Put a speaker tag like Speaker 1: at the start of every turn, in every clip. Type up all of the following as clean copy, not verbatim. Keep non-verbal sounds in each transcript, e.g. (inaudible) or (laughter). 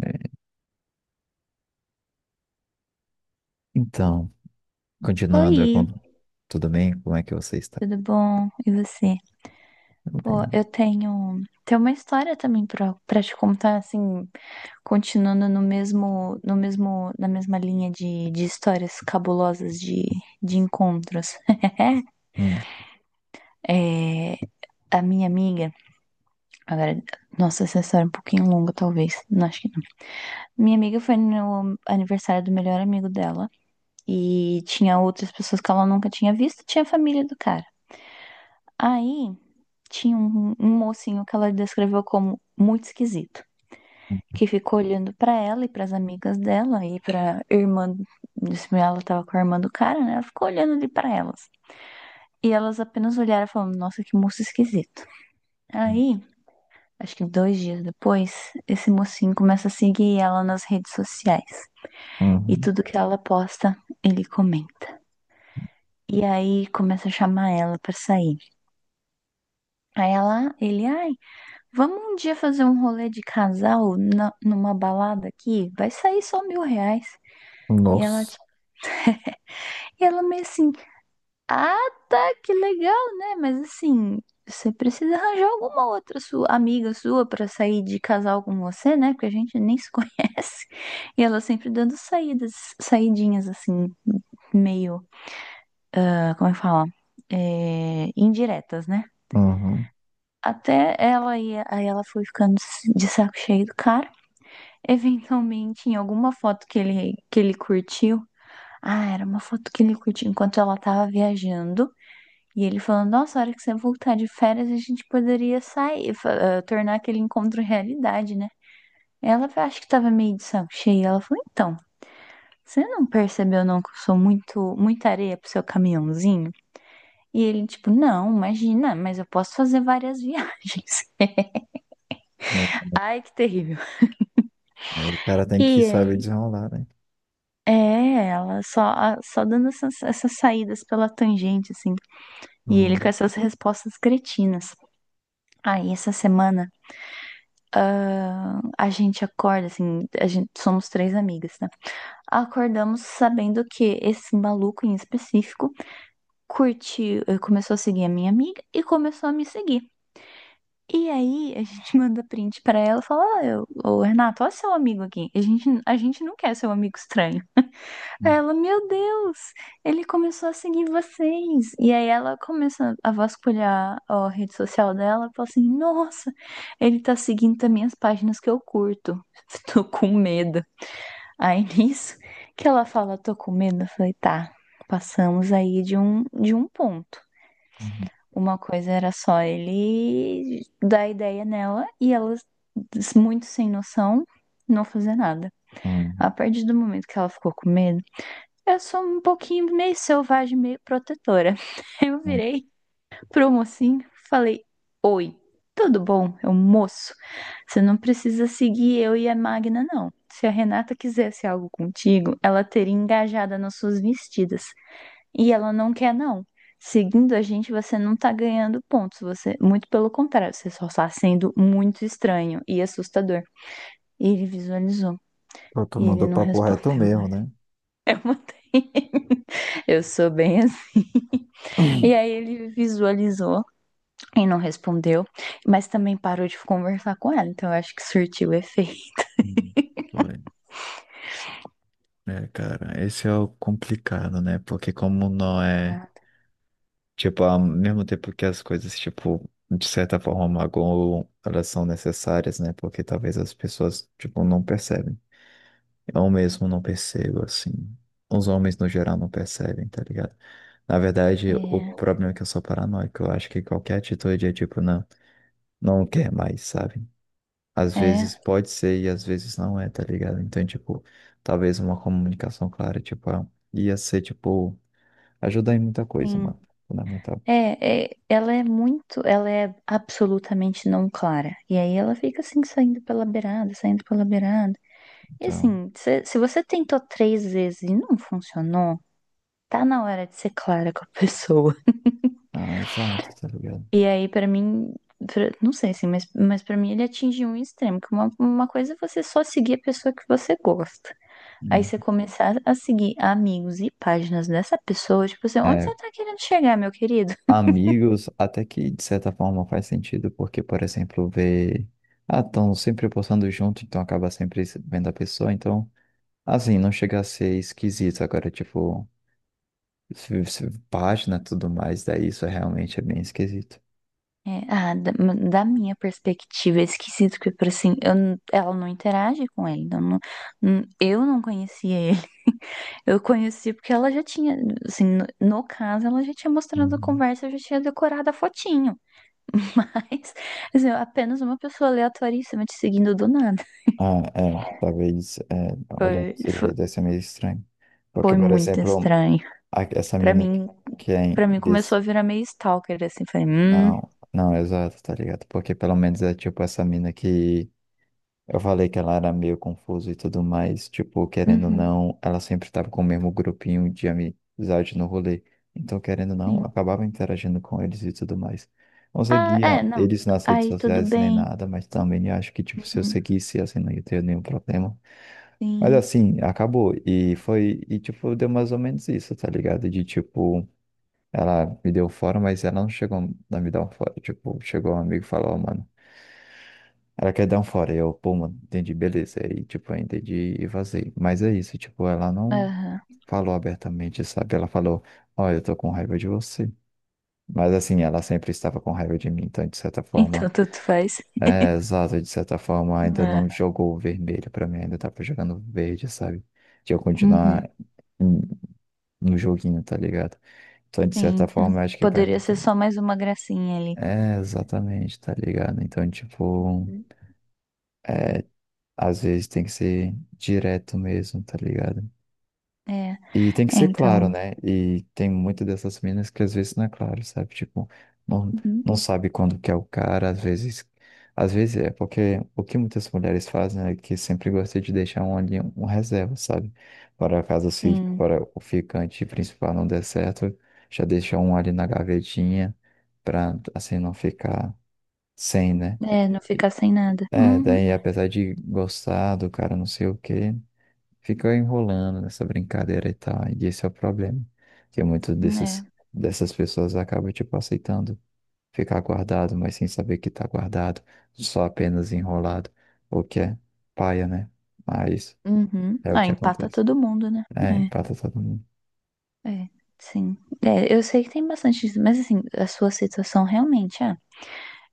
Speaker 1: É, então, continuando,
Speaker 2: Oi,
Speaker 1: tudo bem? Como é que você está?
Speaker 2: tudo bom? E você?
Speaker 1: Tudo
Speaker 2: Pô,
Speaker 1: bem.
Speaker 2: eu tenho uma história também pra te contar, assim, continuando no mesmo, no mesmo, na mesma linha de histórias cabulosas de encontros. (laughs)
Speaker 1: Hum,
Speaker 2: É, a minha amiga, agora, nossa, essa história é um pouquinho longa, talvez, não acho que não. Minha amiga foi no aniversário do melhor amigo dela e tinha outras pessoas que ela nunca tinha visto, tinha a família do cara. Aí tinha um mocinho que ela descreveu como muito esquisito,
Speaker 1: hum,
Speaker 2: que ficou olhando pra ela e pras amigas dela e pra irmã, disse ela tava com a irmã do cara, né? Ela ficou olhando ali pra elas. E elas apenas olharam e falaram: "Nossa, que moço esquisito."
Speaker 1: hum.
Speaker 2: Aí, acho que 2 dias depois, esse mocinho começa a seguir ela nas redes sociais. E
Speaker 1: Uhum.
Speaker 2: tudo que ela posta, ele comenta. E aí começa a chamar ela pra sair. Aí vamos um dia fazer um rolê de casal numa balada aqui? Vai sair só R$ 1.000. E ela, ti-
Speaker 1: Nossa.
Speaker 2: e ela meio assim, ah, tá, que legal, né? Mas assim, você precisa arranjar alguma outra sua amiga sua pra sair de casal com você, né? Porque a gente nem se (laughs) conhece. E ela sempre dando saídas, saidinhas assim, meio, como é que fala? É, indiretas, né?
Speaker 1: Uhum.
Speaker 2: Até ela ia, aí ela foi ficando de saco cheio do cara. Eventualmente, em alguma foto que ele curtiu. Ah, era uma foto que ele curtiu enquanto ela tava viajando. E ele falando, nossa, a hora que você voltar de férias, a gente poderia sair, tornar aquele encontro realidade, né? Ela acho que tava meio de saco cheio. Ela falou, então, você não percebeu não que eu sou muita areia pro seu caminhãozinho? E ele, tipo, não, imagina, mas eu posso fazer várias viagens.
Speaker 1: Não,
Speaker 2: (laughs)
Speaker 1: não.
Speaker 2: Ai, que terrível.
Speaker 1: É, o cara tem que
Speaker 2: E
Speaker 1: saber
Speaker 2: aí?
Speaker 1: desenrolar, né?
Speaker 2: É, ela só dando essas saídas pela tangente, assim. E ele com
Speaker 1: Hum,
Speaker 2: essas respostas cretinas. Aí, essa semana, a gente acorda, assim, somos três amigas, né? Acordamos sabendo que esse maluco em específico começou a seguir a minha amiga e começou a me seguir. E aí, a gente (laughs) manda print pra ela e fala: "Ah, Ô, Renato, olha seu amigo aqui. A gente não quer seu amigo estranho.
Speaker 1: hum,
Speaker 2: Ela, meu Deus, ele começou a seguir vocês. E aí ela começa a vasculhar a rede social dela, e fala assim: "Nossa, ele tá seguindo também as páginas que eu curto. (laughs) Tô com medo." Aí nisso que ela fala: "Tô com medo." Eu falei: "Tá, passamos aí de um ponto."
Speaker 1: hum,
Speaker 2: Uma coisa era só ele dar ideia nela e ela muito sem noção não fazer nada.
Speaker 1: hum,
Speaker 2: A partir do momento que ela ficou com medo, eu sou um pouquinho meio selvagem, meio protetora. (laughs) Eu
Speaker 1: hum.
Speaker 2: virei pro mocinho, falei: Oi, tudo bom? Eu moço. Você não precisa seguir eu e a Magna, não. Se a Renata quisesse algo contigo, ela teria engajada nas suas vestidas. E ela não quer, não. Seguindo a gente, você não tá ganhando pontos. Você, muito pelo contrário, você só está sendo muito estranho e assustador. Ele visualizou
Speaker 1: Pô, tu
Speaker 2: e ele
Speaker 1: mandou
Speaker 2: não
Speaker 1: papo reto
Speaker 2: respondeu.
Speaker 1: mesmo, né?
Speaker 2: Eu mandei. (laughs) Eu sou bem assim. E aí ele visualizou e não respondeu, mas também parou de conversar com ela, então eu acho que surtiu efeito.
Speaker 1: Hum. Foi. É, cara, esse é o complicado, né? Porque como não é.
Speaker 2: Ah,
Speaker 1: Tipo, ao mesmo tempo que as coisas, tipo, de certa forma magoam, elas são necessárias, né? Porque talvez as pessoas, tipo, não percebem. Eu mesmo não percebo, assim. Os homens, no geral, não percebem, tá ligado? Na verdade, o
Speaker 2: é,
Speaker 1: problema é que eu sou paranoico. Eu acho que qualquer atitude é, tipo, não, não quer mais, sabe? Às
Speaker 2: é,
Speaker 1: vezes pode ser e às vezes não é, tá ligado? Então, tipo, talvez uma comunicação clara, tipo, ah, ia ser, tipo, ajudar em muita coisa,
Speaker 2: sim.
Speaker 1: mano. Fundamental.
Speaker 2: É, é, ela é absolutamente não clara. E aí ela fica assim, saindo pela beirada, saindo pela beirada. E
Speaker 1: Então.
Speaker 2: assim, se você tentou 3 vezes e não funcionou, tá na hora de ser clara com a pessoa.
Speaker 1: Ah, exato, tá ligado?
Speaker 2: E aí, pra mim, não sei assim, mas para mim ele atingiu um extremo, que uma coisa é você só seguir a pessoa que você gosta. Aí
Speaker 1: Hum.
Speaker 2: você começar a seguir amigos e páginas dessa pessoa, tipo assim, onde
Speaker 1: É,
Speaker 2: você tá querendo chegar, meu querido?
Speaker 1: amigos, até que de certa forma faz sentido, porque, por exemplo, ver. Ah, estão sempre postando junto, então acaba sempre vendo a pessoa, então, assim, não chega a ser esquisito. Agora, tipo, página e tudo mais, daí isso é realmente é bem esquisito.
Speaker 2: É, da minha perspectiva, é esquisito que, por assim, ela não interage com ele, eu não conhecia ele. (laughs) Eu conheci porque ela já tinha, assim, no caso, ela já tinha mostrado a
Speaker 1: Uhum.
Speaker 2: conversa, eu já tinha decorado a fotinho. (laughs) Mas, assim, apenas uma pessoa aleatoríssima te seguindo do nada.
Speaker 1: Ah, é, talvez, é, olhando
Speaker 2: Foi,
Speaker 1: desse
Speaker 2: foi,
Speaker 1: jeito, deve ser meio estranho. Porque,
Speaker 2: foi
Speaker 1: por
Speaker 2: muito
Speaker 1: exemplo,
Speaker 2: estranho.
Speaker 1: essa
Speaker 2: Pra
Speaker 1: mina que,
Speaker 2: mim,
Speaker 1: que é.
Speaker 2: para mim começou a virar meio stalker, assim. Falei,
Speaker 1: Não, não, exato, tá ligado? Porque pelo menos é tipo essa mina que eu falei que ela era meio confusa e tudo mais, tipo, querendo ou
Speaker 2: uhum,
Speaker 1: não, ela sempre tava com o mesmo grupinho de amizade no rolê. Então, querendo ou não,
Speaker 2: sim.
Speaker 1: acabava interagindo com eles e tudo mais. Não
Speaker 2: Ah,
Speaker 1: seguia
Speaker 2: é, não.
Speaker 1: eles nas redes
Speaker 2: Aí, tudo
Speaker 1: sociais nem
Speaker 2: bem.
Speaker 1: nada, mas também acho que, tipo, se eu
Speaker 2: Uhum,
Speaker 1: seguisse, assim, não ia ter nenhum problema. Mas
Speaker 2: sim.
Speaker 1: assim, acabou. E foi, e tipo, deu mais ou menos isso, tá ligado? De tipo. Ela me deu fora, mas ela não chegou a me dar um fora. Tipo, chegou um amigo e falou, ó, mano, ela quer dar um fora. E eu, pô, mano, entendi, beleza. E, tipo, eu entendi e vazei. Mas é isso, tipo, ela não
Speaker 2: Aham.
Speaker 1: falou abertamente, sabe? Ela falou, ó, eu tô com raiva de você. Mas, assim, ela sempre estava com raiva de mim, então, de certa
Speaker 2: Então,
Speaker 1: forma,
Speaker 2: tanto faz.
Speaker 1: é exato, de certa forma, ainda
Speaker 2: Ah,
Speaker 1: não jogou o vermelho pra mim, ainda tava jogando verde, sabe? De eu
Speaker 2: uhum,
Speaker 1: continuar hum, no joguinho, tá ligado? Então, de certa
Speaker 2: sim.
Speaker 1: forma, eu acho que vai
Speaker 2: Poderia
Speaker 1: muito.
Speaker 2: ser só mais uma gracinha ali.
Speaker 1: É, exatamente, tá ligado? Então, tipo, é, às vezes tem que ser direto mesmo, tá ligado?
Speaker 2: É, é,
Speaker 1: E tem que ser claro,
Speaker 2: então.
Speaker 1: né? E tem muitas dessas minas que às vezes não é claro, sabe? Tipo, não,
Speaker 2: Uhum,
Speaker 1: não sabe quando que é o cara, às vezes. Às vezes é porque o que muitas mulheres fazem é que sempre gostam de deixar um ali um reserva, sabe? Para caso se
Speaker 2: sim.
Speaker 1: para o ficante principal não der certo, já deixa um ali na gavetinha pra assim não ficar sem, né?
Speaker 2: É, não ficar sem nada.
Speaker 1: É,
Speaker 2: Uhum,
Speaker 1: daí apesar de gostar do cara não sei o quê, fica enrolando nessa brincadeira e tal. E esse é o problema. Que
Speaker 2: é.
Speaker 1: dessas pessoas acabam, tipo, aceitando ficar guardado, mas sem saber que tá guardado, só apenas enrolado, o que é paia, né? Mas
Speaker 2: Uhum.
Speaker 1: é o
Speaker 2: Ah,
Speaker 1: que
Speaker 2: empata
Speaker 1: acontece.
Speaker 2: todo mundo, né?
Speaker 1: É, empata todo mundo.
Speaker 2: É, é, sim. É, eu sei que tem bastante isso, mas assim, a sua situação realmente é,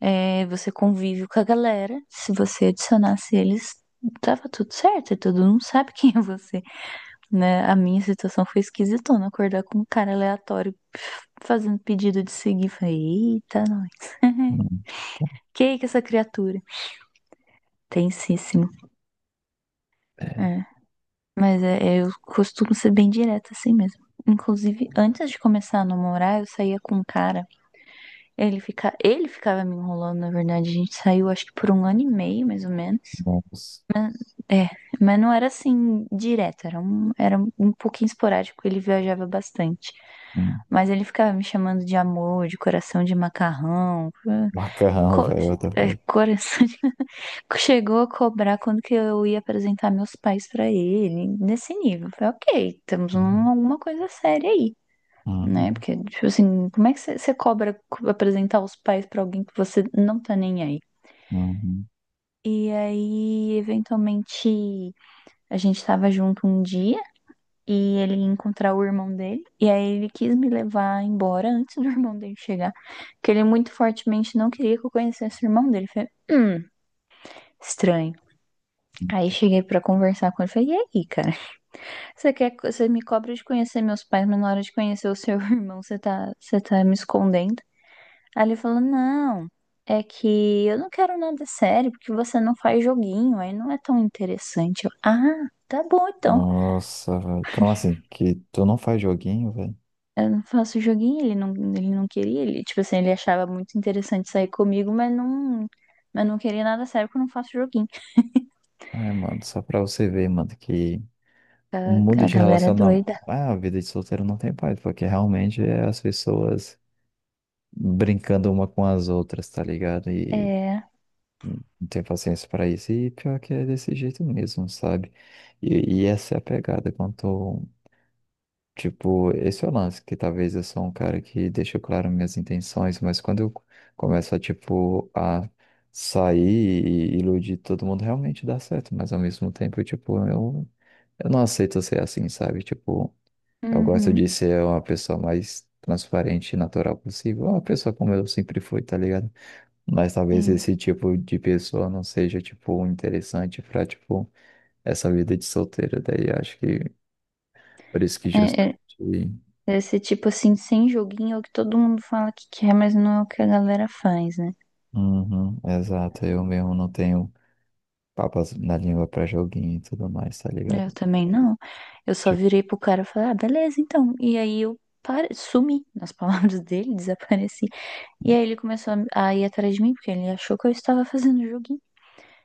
Speaker 2: é, você convive com a galera, se você adicionasse eles, tava tudo certo, e todo mundo sabe (laughs) quem é você, né? A minha situação foi esquisitona, acordar com um cara aleatório fazendo pedido de seguir, falei, eita, nós. (laughs)
Speaker 1: Hum,
Speaker 2: Que é essa criatura? Tensíssimo.
Speaker 1: é,
Speaker 2: É. Mas eu costumo ser bem direta assim mesmo. Inclusive, antes de começar a namorar, eu saía com um cara. Ele ficava me enrolando, na verdade. A gente saiu, acho que por um ano e meio, mais ou menos.
Speaker 1: nossa.
Speaker 2: Mas, é, mas não era assim direto, era um pouquinho esporádico. Ele viajava bastante.
Speaker 1: Hum,
Speaker 2: Mas ele ficava me chamando de amor, de coração de macarrão,
Speaker 1: macarrão,
Speaker 2: co-
Speaker 1: velho, what the fuck.
Speaker 2: coração chegou a cobrar quando que eu ia apresentar meus pais pra ele, nesse nível. Eu falei, ok, temos
Speaker 1: Uhum,
Speaker 2: alguma coisa séria aí, né?
Speaker 1: uhum,
Speaker 2: Porque, tipo assim, como é que você cobra apresentar os pais pra alguém que você não tá nem aí?
Speaker 1: uhum.
Speaker 2: E aí, eventualmente, a gente tava junto um dia e ele ia encontrar o irmão dele. E aí ele quis me levar embora antes do (laughs) irmão dele chegar. Porque ele muito fortemente não queria que eu conhecesse o irmão dele. Eu falei, estranho. Aí cheguei pra conversar com ele e falei, e aí, cara? Você me cobra de conhecer meus pais, mas na hora de conhecer o seu (laughs) irmão, você tá me escondendo. Aí ele falou: Não, é que eu não quero nada sério, porque você não faz joguinho, aí não é tão interessante. Eu, ah, tá bom então.
Speaker 1: Nossa, velho. Como assim? Que tu não faz joguinho, velho?
Speaker 2: Eu não faço joguinho, ele não queria, ele, tipo assim, ele achava muito interessante sair comigo, mas não queria nada sério porque eu não faço joguinho.
Speaker 1: Ai, mano, só pra você ver, mano, que o mundo
Speaker 2: A
Speaker 1: de
Speaker 2: galera é
Speaker 1: relacionamento.
Speaker 2: doida.
Speaker 1: Ah, a vida de solteiro não tem paz, porque realmente é as pessoas brincando uma com as outras, tá ligado? E
Speaker 2: É,
Speaker 1: não tem paciência pra isso. E pior que é desse jeito mesmo, sabe? E essa é a pegada. Quanto. Tipo, esse é o lance, que talvez eu sou um cara que deixa claro minhas intenções, mas quando eu começo a, tipo, a sair e iludir todo mundo, realmente dá certo, mas ao mesmo tempo, tipo, eu não aceito ser assim, sabe? Tipo, eu gosto de
Speaker 2: uhum,
Speaker 1: ser uma pessoa mais transparente e natural possível, uma pessoa como eu sempre fui, tá ligado? Mas talvez
Speaker 2: sim.
Speaker 1: esse tipo de pessoa não seja, tipo, interessante pra, tipo, essa vida de solteiro, daí acho que por isso que
Speaker 2: É,
Speaker 1: justamente.
Speaker 2: é, esse tipo assim, sem joguinho, é o que todo mundo fala que quer, mas não é o que a galera faz, né?
Speaker 1: Uhum, exato, eu mesmo não tenho papas na língua pra joguinho e tudo mais, tá
Speaker 2: Eu
Speaker 1: ligado?
Speaker 2: também não. Eu só
Speaker 1: Tipo,
Speaker 2: virei pro cara e falei, ah, beleza, então. E aí eu sumi, nas palavras (laughs) dele, desapareci. E aí ele começou a ir atrás de mim, porque ele achou que eu estava fazendo joguinho.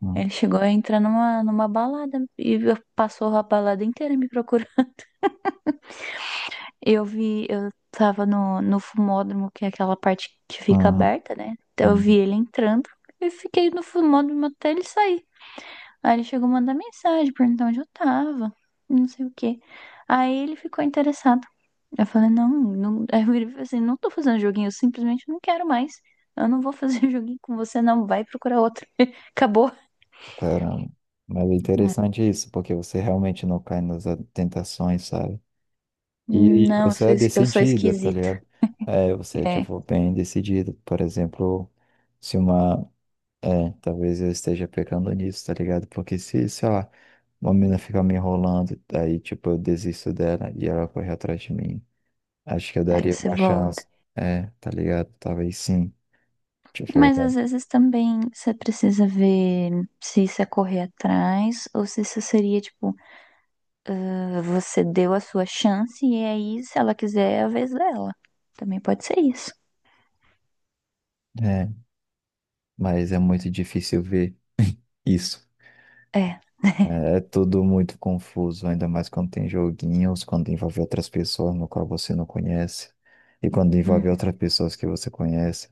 Speaker 1: hum,
Speaker 2: Ele chegou a entrar numa balada e passou a balada inteira me procurando. (laughs) Eu vi, eu tava no fumódromo, que é aquela parte que fica
Speaker 1: uhum,
Speaker 2: aberta, né? Então eu vi
Speaker 1: uhum,
Speaker 2: ele entrando. Eu fiquei no fumódromo até ele sair. Aí ele chegou a mandar mensagem perguntando onde eu tava, não sei o quê. Aí ele ficou interessado. Eu falei, não, não. (laughs) Aí eu virei e falei assim, não tô fazendo joguinho, eu simplesmente não quero mais. Eu não vou fazer (laughs) joguinho com você, não. Vai procurar outro. (laughs) Acabou.
Speaker 1: caramba. Mas é
Speaker 2: Ah,
Speaker 1: interessante isso, porque você realmente não cai nas tentações, sabe? E
Speaker 2: não, eu
Speaker 1: você
Speaker 2: sou,
Speaker 1: é
Speaker 2: es- eu sou
Speaker 1: decidida, tá
Speaker 2: esquisita.
Speaker 1: ligado? É, você é,
Speaker 2: É.
Speaker 1: tipo, bem decidida. Por exemplo, se uma. É, talvez eu esteja pecando nisso, tá ligado? Porque se, sei lá, uma mina fica me enrolando, aí, tipo, eu desisto dela e ela corre atrás de mim. Acho que eu
Speaker 2: Aí
Speaker 1: daria
Speaker 2: você
Speaker 1: uma
Speaker 2: volta.
Speaker 1: chance. É, tá ligado? Talvez sim. Tipo,
Speaker 2: Mas
Speaker 1: tá.
Speaker 2: às vezes também você precisa ver se isso é correr atrás ou se isso seria, tipo, você deu a sua chance e aí, se ela quiser, é a vez dela. Também pode ser isso.
Speaker 1: É, mas é muito difícil ver isso.
Speaker 2: É.
Speaker 1: É, é tudo muito confuso, ainda mais quando tem joguinhos, quando envolve outras pessoas no qual você não conhece, e quando envolve
Speaker 2: Uhum.
Speaker 1: outras pessoas que você conhece.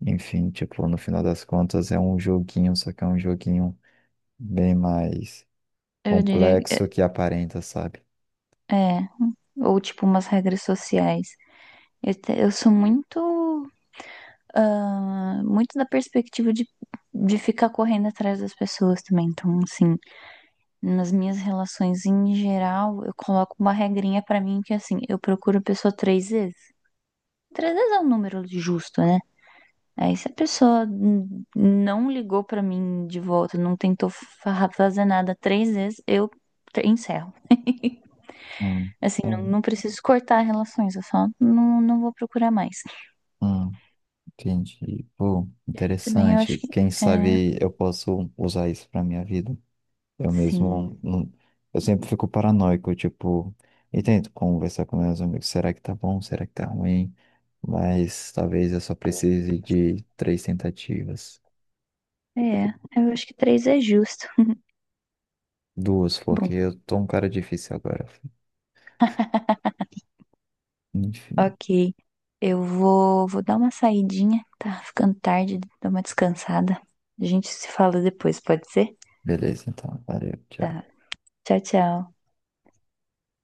Speaker 1: Enfim, tipo, no final das contas é um joguinho, só que é um joguinho bem mais
Speaker 2: Eu diria que é.
Speaker 1: complexo que aparenta, sabe?
Speaker 2: É. Ou tipo umas regras sociais. Eu sou muito da perspectiva de, ficar correndo atrás das pessoas também. Então, assim, nas minhas relações em geral, eu coloco uma regrinha pra mim que é assim, eu procuro a pessoa 3 vezes. 3 vezes é um número justo, né? Aí se a pessoa não ligou pra mim de volta, não tentou fazer nada 3 vezes, eu encerro.
Speaker 1: Hum,
Speaker 2: Assim,
Speaker 1: é,
Speaker 2: não, não preciso cortar relações, eu só não, não vou procurar mais.
Speaker 1: hum. Entendi. Pô,
Speaker 2: E aí também eu acho
Speaker 1: interessante.
Speaker 2: que
Speaker 1: Quem
Speaker 2: é,
Speaker 1: sabe eu posso usar isso pra minha vida. Eu
Speaker 2: sim,
Speaker 1: mesmo, eu sempre fico paranoico, tipo, e tento conversar com meus amigos, será que tá bom? Será que tá ruim? Mas talvez eu só precise de 3 tentativas.
Speaker 2: é, eu acho que três é justo. (laughs)
Speaker 1: Duas,
Speaker 2: Bom,
Speaker 1: porque eu tô um cara difícil agora. Enfim,
Speaker 2: ok. Eu vou dar uma saidinha, tá ficando tarde, dar uma descansada. A gente se fala depois, pode ser?
Speaker 1: beleza, então, valeu,
Speaker 2: Tá.
Speaker 1: tchau.
Speaker 2: Tchau, tchau.